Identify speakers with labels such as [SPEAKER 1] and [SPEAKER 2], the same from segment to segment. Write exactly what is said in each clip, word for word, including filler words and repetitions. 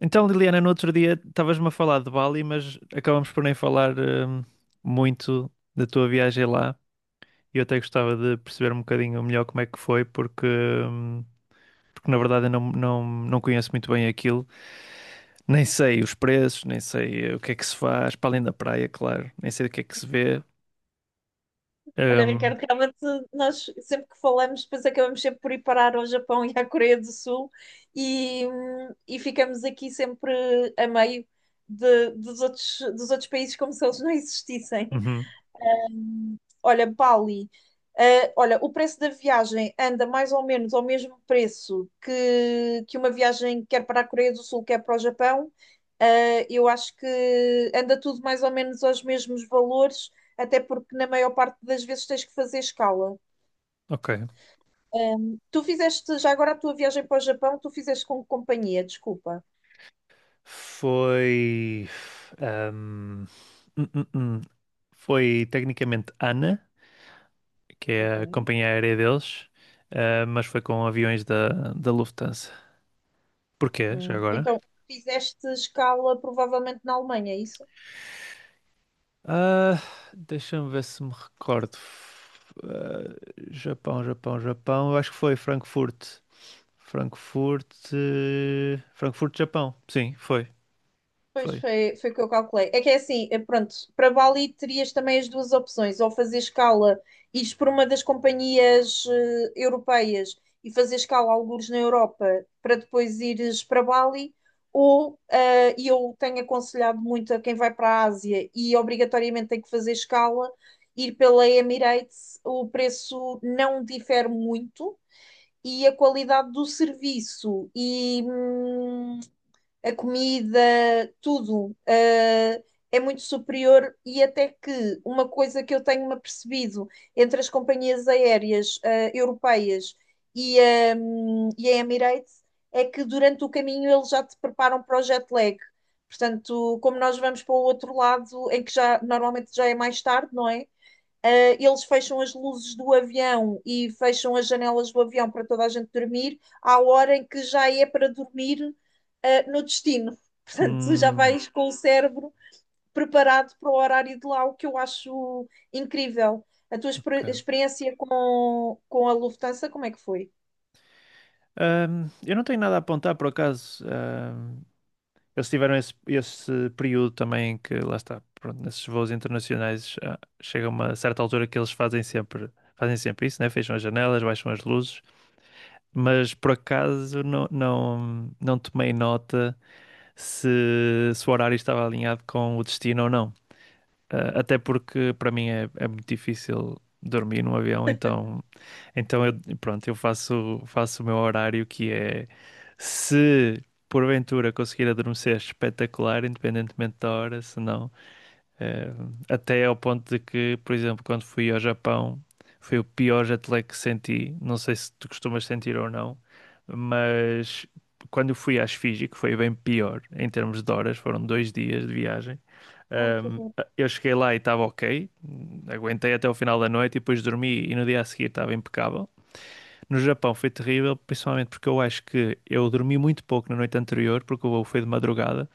[SPEAKER 1] Então, Liliana, no outro dia estavas-me a falar de Bali, mas acabamos por nem falar hum, muito da tua viagem lá. E eu até gostava de perceber um bocadinho melhor como é que foi, porque, hum, porque na verdade eu não, não, não conheço muito bem aquilo. Nem sei os preços, nem sei eh, o que é que se faz, para além da praia, claro. Nem sei o que é que se vê.
[SPEAKER 2] Olha,
[SPEAKER 1] Hum,
[SPEAKER 2] Ricardo, realmente nós sempre que falamos, depois acabamos sempre por ir parar ao Japão e à Coreia do Sul e, hum, e ficamos aqui sempre a meio de- dos outros, dos outros países como se eles não existissem.
[SPEAKER 1] uhum,
[SPEAKER 2] Olha, Bali, eh, olha, o preço da viagem anda mais ou menos ao mesmo preço que, que uma viagem quer para a Coreia do Sul, quer para o Japão. Eh, eu acho que anda tudo mais ou menos aos mesmos valores, até porque na maior parte das vezes tens que fazer escala.
[SPEAKER 1] ok.
[SPEAKER 2] Ahm, tu fizeste já agora a tua viagem para o Japão, tu fizeste com que companhia, desculpa.
[SPEAKER 1] Foi. hum, hum, hum, hum. Foi tecnicamente Ana, que
[SPEAKER 2] Ok.
[SPEAKER 1] é a companhia aérea deles. Ah, mas foi com aviões da, da Lufthansa. Porquê, já
[SPEAKER 2] Hum,
[SPEAKER 1] agora?
[SPEAKER 2] Então, fizeste escala provavelmente na Alemanha, é isso?
[SPEAKER 1] Ah, deixa-me ver se me recordo. F- ah, Japão, Japão, Japão. Eu acho que foi Frankfurt. Frankfurt. eh, Frankfurt, Japão. Sim, foi.
[SPEAKER 2] Pois
[SPEAKER 1] Foi.
[SPEAKER 2] foi, foi o que eu calculei. É que é assim, é pronto, para Bali terias também as duas opções, ou fazer escala, ires por uma das companhias eh, europeias e fazer escala algures na Europa para depois ires para Bali, ou, eh, e eu tenho aconselhado muito a quem vai para a Ásia e obrigatoriamente tem que fazer escala, ir pela Emirates, o preço não difere muito e a qualidade do serviço e. hum, a comida, tudo, eh, é muito superior e até que uma coisa que eu tenho-me apercebido entre as companhias aéreas eh, europeias e, a- e a Emirates é que durante o caminho eles já te preparam para o jet lag. Portanto, como nós vamos para o outro lado, em que já normalmente já é mais tarde, não é? Uh, eles fecham as luzes do avião e fecham as janelas do avião para toda a gente dormir, à hora em que já é para dormir uh, no destino. Portanto, tu já
[SPEAKER 1] Hum,
[SPEAKER 2] vais com o cérebro preparado para o horário de lá, o que eu acho incrível. A tua exper-
[SPEAKER 1] ok.
[SPEAKER 2] experiência com, com a Lufthansa, como é que foi?
[SPEAKER 1] Ahm, eu não tenho nada a apontar por acaso. Eles tiveram esse, esse período também que, lá está, pronto, nesses voos internacionais, ah, chega uma certa altura que eles fazem sempre, fazem sempre isso, né? Fecham as janelas, baixam as luzes, mas por acaso não, não, não tomei nota se, se o horário estava alinhado com o destino ou não. Ah, até porque para mim é, é muito difícil dormir num avião, então então eu, pronto, eu faço, faço o meu horário, que é, se porventura conseguir adormecer, espetacular, independentemente da hora. Se não, eh, até ao ponto de que, por exemplo, quando fui ao Japão, foi o pior jet lag que senti. Não sei se tu costumas sentir ou não, mas quando eu fui às Fiji, que foi bem pior em termos de horas, foram dois dias de viagem.
[SPEAKER 2] Ai, que
[SPEAKER 1] Um,
[SPEAKER 2] horror.
[SPEAKER 1] eu cheguei lá e estava ok, hum, aguentei até o final da noite e depois dormi e no dia a seguir estava impecável. No Japão foi terrível, principalmente porque eu acho que eu dormi muito pouco na noite anterior, porque o voo foi de madrugada,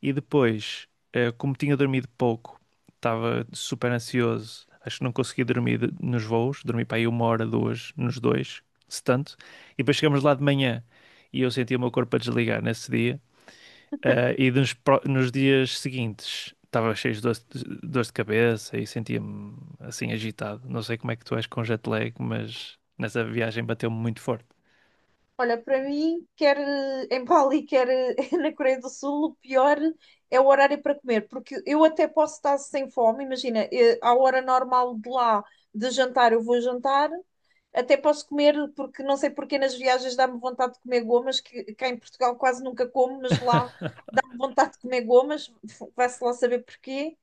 [SPEAKER 1] e depois, eh, como tinha dormido pouco, estava super ansioso, acho que não consegui dormir de- nos voos, dormi para aí uma hora, duas, nos dois, se tanto, e depois chegamos lá de manhã e eu senti o meu corpo a desligar nesse dia, eh, e nos, pro- nos dias seguintes estava cheio de dor de, dor de cabeça e sentia-me assim agitado. Não sei como é que tu és com jet lag, mas nessa viagem bateu-me muito forte.
[SPEAKER 2] Olha, para mim, quer eh, em Bali, quer eh, na Coreia do Sul, o pior é o horário para comer, porque eu até posso estar sem fome, imagina, eh, à hora normal de lá de jantar eu vou jantar, até posso comer, porque não sei porque nas viagens dá-me vontade de comer gomas, que cá em Portugal quase nunca como, mas lá dá-me vontade de comer gomas, vai-se lá saber porquê.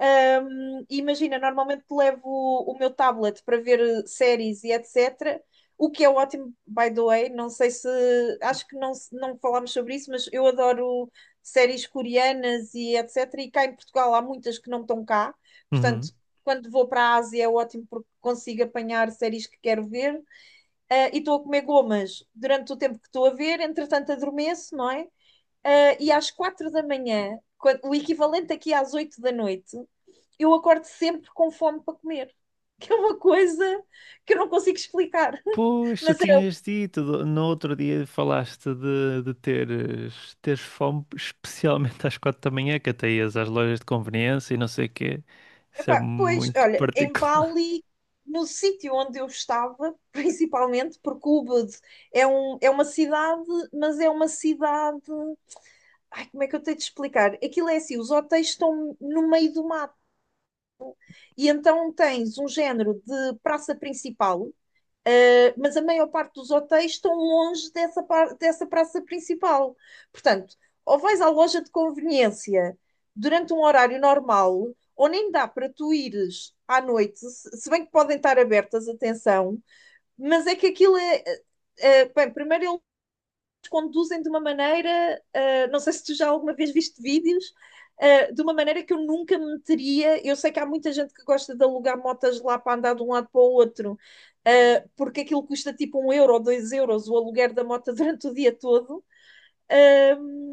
[SPEAKER 2] Um, imagina, normalmente levo o, o meu tablet para ver séries e etecetera. O que é ótimo, by the way, não sei se. Acho que não, se- não falámos sobre isso, mas eu adoro séries coreanas e etecetera. E cá em Portugal há muitas que não estão cá.
[SPEAKER 1] Uhum.
[SPEAKER 2] Portanto, quando vou para a Ásia é ótimo porque consigo apanhar séries que quero ver. Ah, e estou a comer gomas durante o tempo que estou a ver, entretanto adormeço, não é? Ah, e às quatro da manhã, quan- o equivalente aqui às oito da noite, eu acordo sempre com fome para comer, que é uma coisa que eu não consigo explicar.
[SPEAKER 1] Pois, tu
[SPEAKER 2] Mas eu,
[SPEAKER 1] tinhas dito, do- no outro dia falaste de, de teres, teres fome, especialmente às quatro da manhã, que até ias às lojas de conveniência e não sei o quê. Isso é
[SPEAKER 2] epá, pois,
[SPEAKER 1] muito
[SPEAKER 2] olha, em
[SPEAKER 1] particular.
[SPEAKER 2] Bali, no sítio onde eu estava, principalmente, porque Ubud é, um, é uma cidade, mas é uma cidade. Ai, como é que eu tenho de explicar? Aquilo é assim: os hotéis estão no meio do mato, e então tens um género de praça principal. Uh, mas a maior parte dos hotéis estão longe dessa, dessa praça principal. Portanto, ou vais à loja de conveniência durante um horário normal, ou nem dá para tu ires à noite, se bem que podem estar abertas, atenção, mas é que aquilo é. eh, eh, bem, primeiro conduzem de uma maneira, uh, não sei se tu já alguma vez viste vídeos, uh, de uma maneira que eu nunca me meteria. Eu sei que há muita gente que gosta de alugar motas lá para andar de um lado para o outro, uh, porque aquilo custa tipo um euro ou dois euros o aluguer da moto durante o dia todo. uh,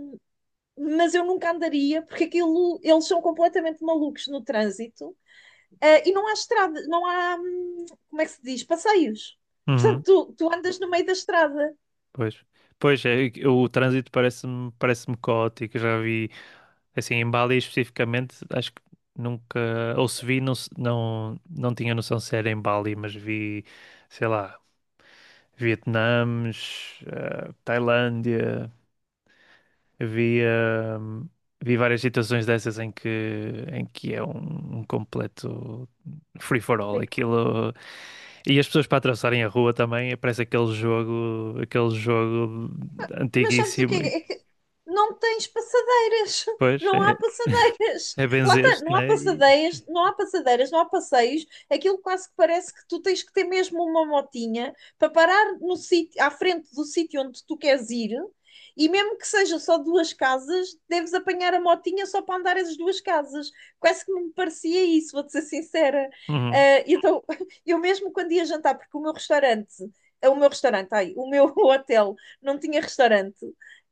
[SPEAKER 2] mas eu nunca andaria porque aquilo eles são completamente malucos no trânsito, uh, e não há estrada, não há hum, como é que se diz? Passeios.
[SPEAKER 1] Uhum.
[SPEAKER 2] Portanto, tu, tu andas no meio da estrada.
[SPEAKER 1] Pois, pois é, o trânsito parece-me parece-me caótico. Eu já vi. Assim, em Bali especificamente, acho que nunca, ou se vi, não, se- não, não tinha noção se era em Bali, mas vi, sei lá, Vietnãs, eh, Tailândia, vi, eh, vi várias situações dessas em que, em que é um, um completo free for all, aquilo, e as pessoas para atravessarem a rua também, parece aquele jogo, aquele jogo
[SPEAKER 2] Mas sabes o que
[SPEAKER 1] antiguíssimo, e
[SPEAKER 2] é? É que não tens passadeiras,
[SPEAKER 1] depois
[SPEAKER 2] não há
[SPEAKER 1] é,
[SPEAKER 2] passadeiras.
[SPEAKER 1] é
[SPEAKER 2] Lá está,
[SPEAKER 1] benzer-se,
[SPEAKER 2] não há
[SPEAKER 1] né? E-
[SPEAKER 2] passadeiras, não há passadeiras, não há passeios. Aquilo quase que parece que tu tens que ter mesmo uma motinha para parar no sítio, à frente do sítio onde tu queres ir. E mesmo que seja só duas casas, deves apanhar a motinha só para andar as duas casas. Quase que me parecia isso, vou-te ser sincera.
[SPEAKER 1] uhum,
[SPEAKER 2] Ah, então, eu mesmo quando ia jantar, porque o meu restaurante, o meu restaurante, ai, o meu hotel não tinha restaurante.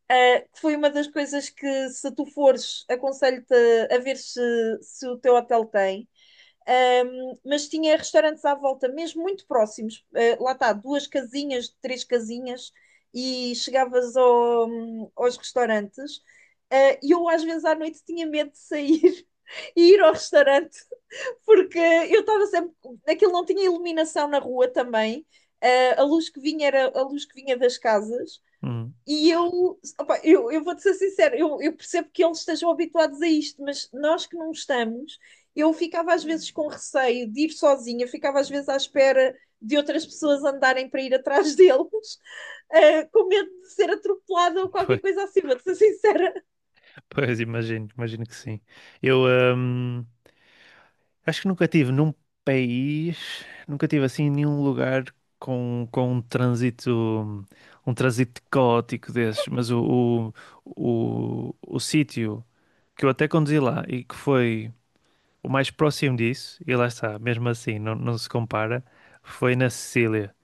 [SPEAKER 2] Uh, que foi uma das coisas que, se tu fores, aconselho-te a, a ver se, se o teu hotel tem. Um, mas tinha restaurantes à volta, mesmo muito próximos. Uh, lá está, duas casinhas, três casinhas, e chegavas ao, aos restaurantes. Eh, E uh, eu, às vezes, à noite tinha medo de sair e ir ao restaurante, porque eu estava sempre. Aquilo não tinha iluminação na rua também. Uh, a luz que vinha era a luz que vinha das casas
[SPEAKER 1] uhum.
[SPEAKER 2] e eu, opa, eu, eu vou-te ser sincera, eu, eu percebo que eles estejam habituados a isto, mas nós que não estamos, eu ficava às vezes com receio de ir sozinha, ficava às vezes à espera de outras pessoas andarem para ir atrás deles, eh, com medo de ser atropelada ou qualquer coisa assim, vou-te ser sincera.
[SPEAKER 1] Pois, imagino, imagino que sim. Eu hum, acho que nunca tive num país, nunca tive assim nenhum lugar com, com um trânsito, um trânsito caótico desses, mas o, o, o, o sítio que eu até conduzi lá e que foi o mais próximo disso, e lá está, mesmo assim, não, não se compara, foi na Sicília.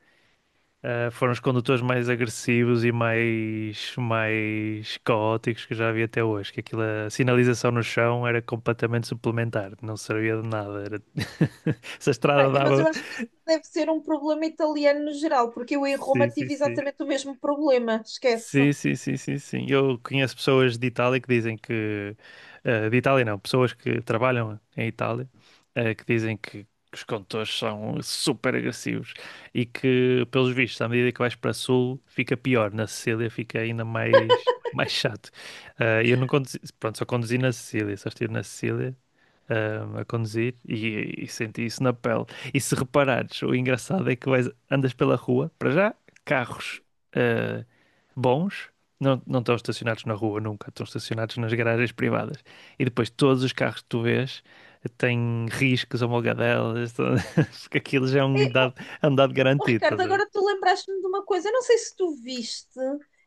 [SPEAKER 1] Uh, foram os condutores mais agressivos e mais, mais caóticos que eu já vi até hoje. Que aquilo, a sinalização no chão era completamente suplementar, não servia de nada. Era... Essa
[SPEAKER 2] Pá,
[SPEAKER 1] estrada
[SPEAKER 2] mas
[SPEAKER 1] dava.
[SPEAKER 2] eu acho que isso deve ser um problema italiano no geral, porque eu em Roma
[SPEAKER 1] Sim, sim,
[SPEAKER 2] tive
[SPEAKER 1] sim.
[SPEAKER 2] exatamente o mesmo problema, esquece.
[SPEAKER 1] Sim, sim, sim, sim, sim. Eu conheço pessoas de Itália que dizem que, eh, de Itália não, pessoas que trabalham em Itália, eh, que dizem que os condutores são super agressivos e que, pelos vistos, à medida que vais para sul, fica pior. Na Sicília fica ainda mais, mais chato. Eh, eu não conduzi, pronto, só conduzi na Sicília, só estive na Sicília. Eh, a conduzir e, e senti isso na pele. E se reparares, o engraçado é que vais, andas pela rua, para já, carros eh, bons, não, não estão estacionados na rua nunca, estão estacionados nas garagens privadas. E depois todos os carros que tu vês têm riscos, amolgadelas, tudo- porque aquilo já é um dado, é um dado
[SPEAKER 2] Oh,
[SPEAKER 1] garantido,
[SPEAKER 2] Ricardo,
[SPEAKER 1] estás a ver?
[SPEAKER 2] agora tu lembraste-me de uma coisa. Eu não sei se tu viste.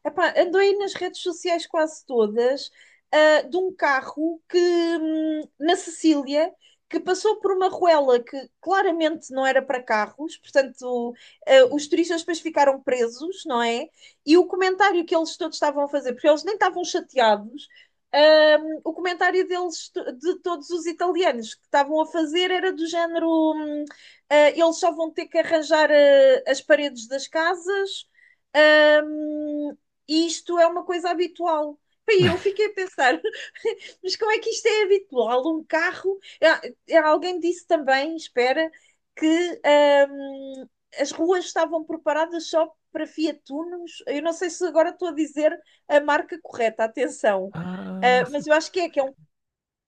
[SPEAKER 2] Epá, andou aí nas redes sociais quase todas, ah, de um carro que, hum, na Sicília, que passou por uma ruela que claramente não era para carros, portanto, ah, os turistas depois ficaram presos, não é? E o comentário que eles todos estavam a fazer, porque eles nem estavam chateados, hum, o comentário deles, de todos os italianos que estavam a fazer, era do género. hum, ah, eles só vão ter que arranjar ah, as paredes das casas, ahm, e isto é uma coisa habitual. E eu fiquei a pensar, mas como é que isto é habitual? Um carro. Ah, ah, alguém disse também, espera, que ahm, as ruas estavam preparadas só para Fiat Unos. Eu não sei se agora estou a dizer a marca correta, atenção.
[SPEAKER 1] Ah,
[SPEAKER 2] Ah,
[SPEAKER 1] se-
[SPEAKER 2] mas eu acho que é, que é um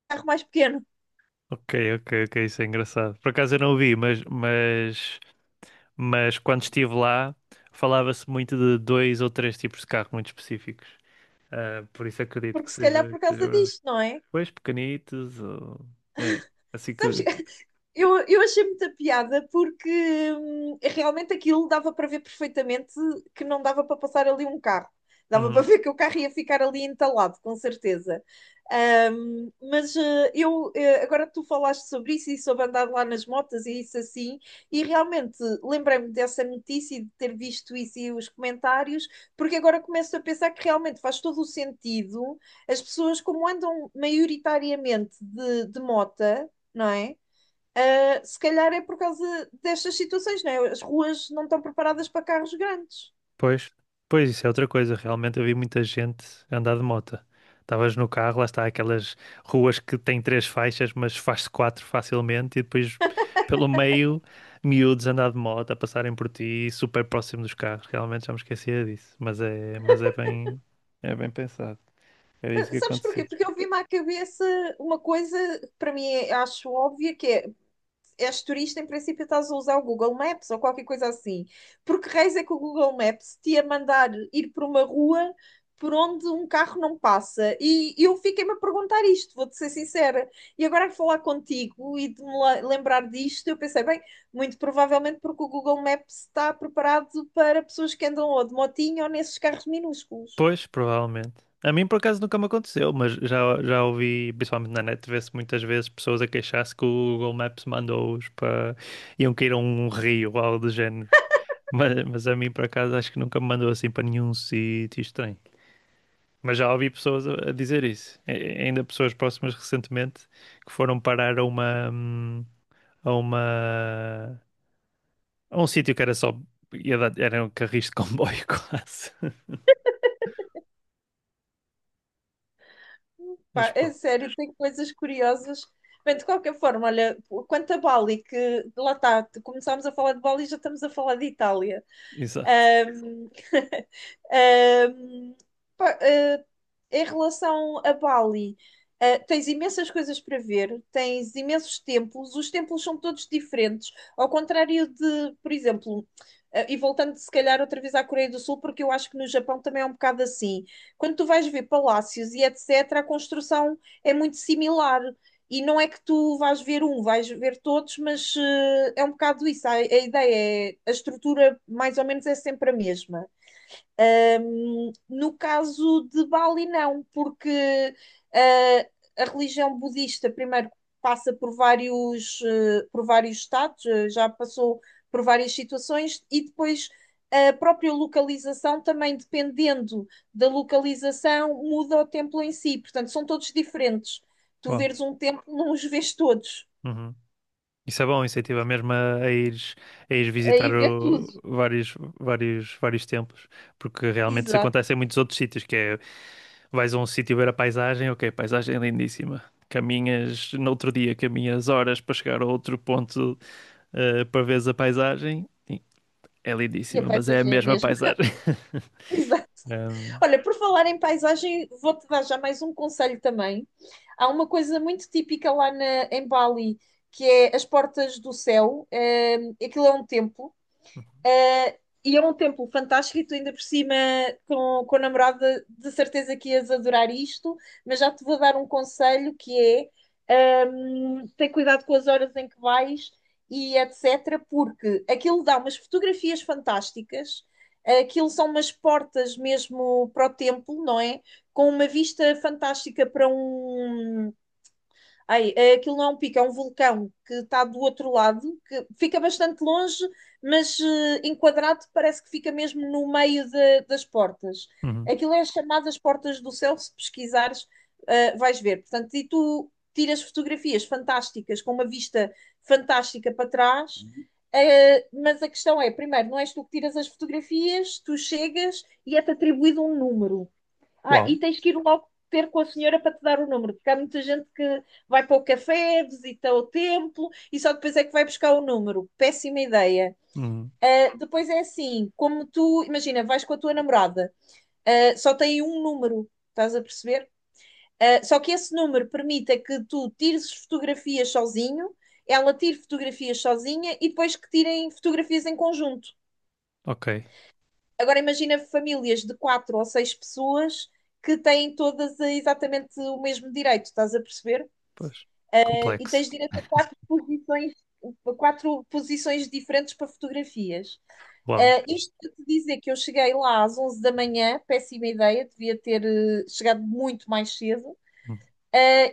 [SPEAKER 2] carro mais pequeno,
[SPEAKER 1] ok, ok, ok, isso é engraçado. Por acaso eu não o vi, mas, mas, mas quando estive lá falava-se muito de dois ou três tipos de carro muito específicos. Ah, por isso acredito que
[SPEAKER 2] porque se calhar
[SPEAKER 1] seja,
[SPEAKER 2] por
[SPEAKER 1] que seja
[SPEAKER 2] causa
[SPEAKER 1] verdade.
[SPEAKER 2] disto, não é?
[SPEAKER 1] Pois pequenitos, ou... é, assim
[SPEAKER 2] Sabes,
[SPEAKER 1] que.
[SPEAKER 2] Eu, eu achei muita piada porque hum, realmente aquilo dava para ver perfeitamente que não dava para passar ali um carro. Dava para
[SPEAKER 1] Uhum.
[SPEAKER 2] ver que o carro ia ficar ali entalado, com certeza. Ahm, mas eh, eu, eh, agora tu falaste sobre isso e sobre andar lá nas motas e isso assim, e realmente lembrei-me dessa notícia e de ter visto isso e os comentários, porque agora começo a pensar que realmente faz todo o sentido as pessoas, como andam maioritariamente de, de mota, não é? Uh, se calhar é por causa destas situações, não é? As ruas não estão preparadas para carros grandes.
[SPEAKER 1] Pois, pois isso é outra coisa. Realmente eu vi muita gente andar de moto. Estavas no carro, lá está, aquelas ruas que têm três faixas, mas faz-se quatro facilmente, e depois pelo meio, miúdos a andar de moto, a passarem por ti, super próximo dos carros. Realmente já me esquecia disso, mas é, mas é bem, é bem pensado. Era isso
[SPEAKER 2] Uh,
[SPEAKER 1] que
[SPEAKER 2] Sabes porquê?
[SPEAKER 1] acontecia.
[SPEAKER 2] Porque eu vi-me à cabeça uma coisa que para mim é- acho óbvia, que é és turista, em princípio estás a usar o Google Maps ou qualquer coisa assim. Porque reis é que o Google Maps te ia mandar ir por uma rua por onde um carro não passa. E eu fiquei-me a perguntar isto, vou-te ser sincera. E agora a falar contigo e de me la- lembrar disto, eu pensei, bem, muito provavelmente porque o Google Maps está preparado para pessoas que andam ou de motinho ou nesses carros minúsculos.
[SPEAKER 1] Pois, provavelmente. A mim, por acaso, nunca me aconteceu, mas já, já ouvi, principalmente na net, ver-se muitas vezes pessoas a queixar-se que o Google Maps mandou-os para... iam cair a um rio ou algo do género. Mas, mas a mim, por acaso, acho que nunca me mandou assim para nenhum sítio estranho. Mas já ouvi pessoas a, a dizer isso. E- ainda pessoas próximas recentemente que foram parar a uma... hum, a uma... a um sítio que era só... ia dar- era um carris de comboio quase. Mas
[SPEAKER 2] Pá, é
[SPEAKER 1] pronto,
[SPEAKER 2] sério, tem coisas curiosas. Bem, de qualquer forma, olha, quanto a Bali, que lá está, começámos a falar de Bali e já estamos a falar de Itália.
[SPEAKER 1] exato.
[SPEAKER 2] Um, um, pá, eh, em relação a Bali, eh, tens imensas coisas para ver, tens imensos templos, os templos são todos diferentes, ao contrário de, por exemplo, eh, e voltando se calhar outra vez à Coreia do Sul, porque eu acho que no Japão também é um bocado assim. Quando tu vais ver palácios e etecetera, a construção é muito similar. E não é que tu vais ver um, vais ver todos, mas eh, é um bocado isso. A, a ideia é, a estrutura mais ou menos é sempre a mesma. Um, no caso de Bali, não, porque uh, a religião budista primeiro passa por vários, uh, por vários estados, uh, já passou por várias situações, e depois a própria localização também, dependendo da localização, muda o templo em si. Portanto, são todos diferentes. Tu
[SPEAKER 1] Uau.
[SPEAKER 2] veres um templo, não os vês todos.
[SPEAKER 1] Uhum. Isso é bom, isso incentiva mesmo a, a ires, a ires visitar
[SPEAKER 2] Aí vê tudo.
[SPEAKER 1] o- vários, vários, vários templos, porque realmente isso
[SPEAKER 2] Exato.
[SPEAKER 1] acontece em muitos outros sítios, que é, vais a um sítio ver a paisagem, ok, paisagem é lindíssima, caminhas, no outro dia caminhas horas para chegar a outro ponto eh, para veres a paisagem. Sim, é
[SPEAKER 2] E a
[SPEAKER 1] lindíssima, mas é a
[SPEAKER 2] paisagem é a
[SPEAKER 1] mesma
[SPEAKER 2] mesma.
[SPEAKER 1] paisagem.
[SPEAKER 2] Exato.
[SPEAKER 1] Um,
[SPEAKER 2] Olha, por falar em paisagem, vou-te dar já mais um conselho também. Há uma coisa muito típica lá na- em Bali, que é as portas do céu. Eh, aquilo é um templo, eh, e é um templo fantástico e tu ainda por cima com, com a namorada de certeza que ias adorar isto, mas já te vou dar um conselho que é hum, ter cuidado com as horas em que vais e etc, porque aquilo dá umas fotografias fantásticas, aquilo são umas portas mesmo para o templo, não é? Com uma vista fantástica para um. Ai, é, aquilo não é um pico, é um vulcão que está do outro lado, que fica bastante longe, mas eh, enquadrado parece que fica mesmo no meio da- das portas.
[SPEAKER 1] uhum.
[SPEAKER 2] Aquilo é chamado as chamadas portas do céu, se pesquisares, eh, vais ver. Portanto, e tu tiras fotografias fantásticas, com uma vista fantástica para trás, eh, mas a questão é, primeiro, não és tu que tiras as fotografias, tu chegas e é-te atribuído um número. Ah,
[SPEAKER 1] Uau,
[SPEAKER 2] e tens que ir logo ter com a senhora para te dar o número, porque há muita gente que vai para o café, visita o templo e só depois é que vai buscar o número. Péssima ideia.
[SPEAKER 1] uhum.
[SPEAKER 2] Ah, depois é assim, como tu, imagina, vais com a tua namorada, ah, só tem um número, estás a perceber? Ah, só que esse número permita que tu tires fotografias sozinho, ela tire fotografias sozinha e depois que tirem fotografias em conjunto.
[SPEAKER 1] Ok,
[SPEAKER 2] Agora imagina famílias de quatro ou seis pessoas que têm todas eh, exatamente o mesmo direito, estás a perceber?
[SPEAKER 1] pois,
[SPEAKER 2] Eh, E
[SPEAKER 1] complexo,
[SPEAKER 2] tens direito a quatro posições, quatro posições diferentes para fotografias.
[SPEAKER 1] uau,
[SPEAKER 2] Uh, isto para te dizer que eu cheguei lá às onze da manhã, péssima ideia, devia ter eh, chegado muito mais cedo
[SPEAKER 1] uhum.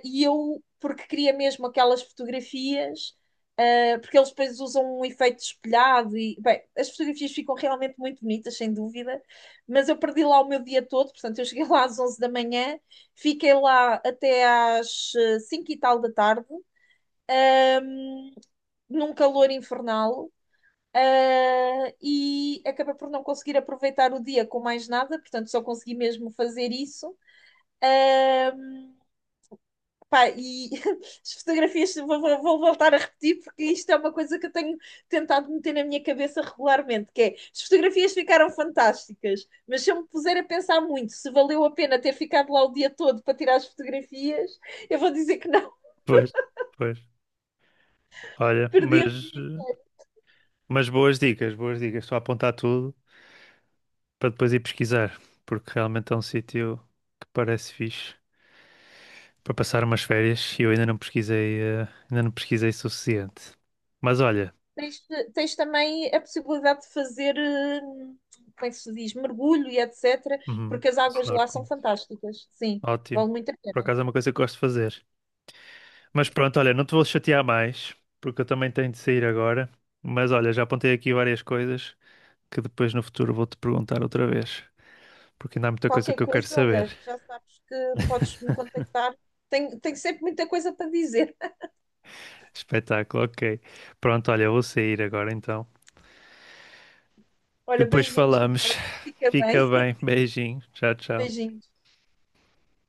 [SPEAKER 2] e eu, porque queria mesmo aquelas fotografias, ah, porque eles depois usam um efeito espelhado e, bem, as fotografias ficam realmente muito bonitas, sem dúvida, mas eu perdi lá o meu dia todo, portanto, eu cheguei lá às onze da manhã, fiquei lá até às eh, cinco e tal da tarde, num calor infernal, ah, e acabei por não conseguir aproveitar o dia com mais nada, portanto, só consegui mesmo fazer isso. Pá, e as fotografias vou, vou- vou voltar a repetir porque isto é uma coisa que eu tenho tentado meter na minha cabeça regularmente, que é, as fotografias ficaram fantásticas, mas se eu me puser a pensar muito se valeu a pena ter ficado lá o dia todo para tirar as fotografias, eu vou dizer que não,
[SPEAKER 1] Pois, pois, olha,
[SPEAKER 2] perdi o
[SPEAKER 1] mas...
[SPEAKER 2] dia.
[SPEAKER 1] eh, mas boas dicas, boas dicas. Estou a apontar tudo para depois ir pesquisar, porque realmente é um sítio que parece fixe para passar umas férias e eu ainda não pesquisei, eh, ainda não pesquisei o suficiente. Mas olha,
[SPEAKER 2] Tens, tens também a possibilidade de fazer, eh, como é que se diz, mergulho e etc,
[SPEAKER 1] uhum,
[SPEAKER 2] porque as águas lá são
[SPEAKER 1] snorkeling,
[SPEAKER 2] fantásticas, sim,
[SPEAKER 1] ótimo.
[SPEAKER 2] vale muito a
[SPEAKER 1] Por
[SPEAKER 2] pena.
[SPEAKER 1] acaso é uma coisa que gosto de fazer. Mas pronto, olha, não te vou chatear mais, porque eu também tenho de sair agora. Mas olha, já apontei aqui várias coisas que depois no futuro vou-te perguntar outra vez, porque ainda há muita coisa
[SPEAKER 2] Qualquer
[SPEAKER 1] que eu quero
[SPEAKER 2] coisa,
[SPEAKER 1] saber.
[SPEAKER 2] olha, já sabes que podes me contactar. Tenho, tenho sempre muita coisa para dizer.
[SPEAKER 1] Espetáculo, ok. Pronto, olha, eu vou sair agora então.
[SPEAKER 2] Olha,
[SPEAKER 1] Depois
[SPEAKER 2] beijinhos,
[SPEAKER 1] falamos.
[SPEAKER 2] Ricardo. Fica
[SPEAKER 1] Fica
[SPEAKER 2] bem.
[SPEAKER 1] bem, beijinho. Tchau, tchau.
[SPEAKER 2] Beijinhos.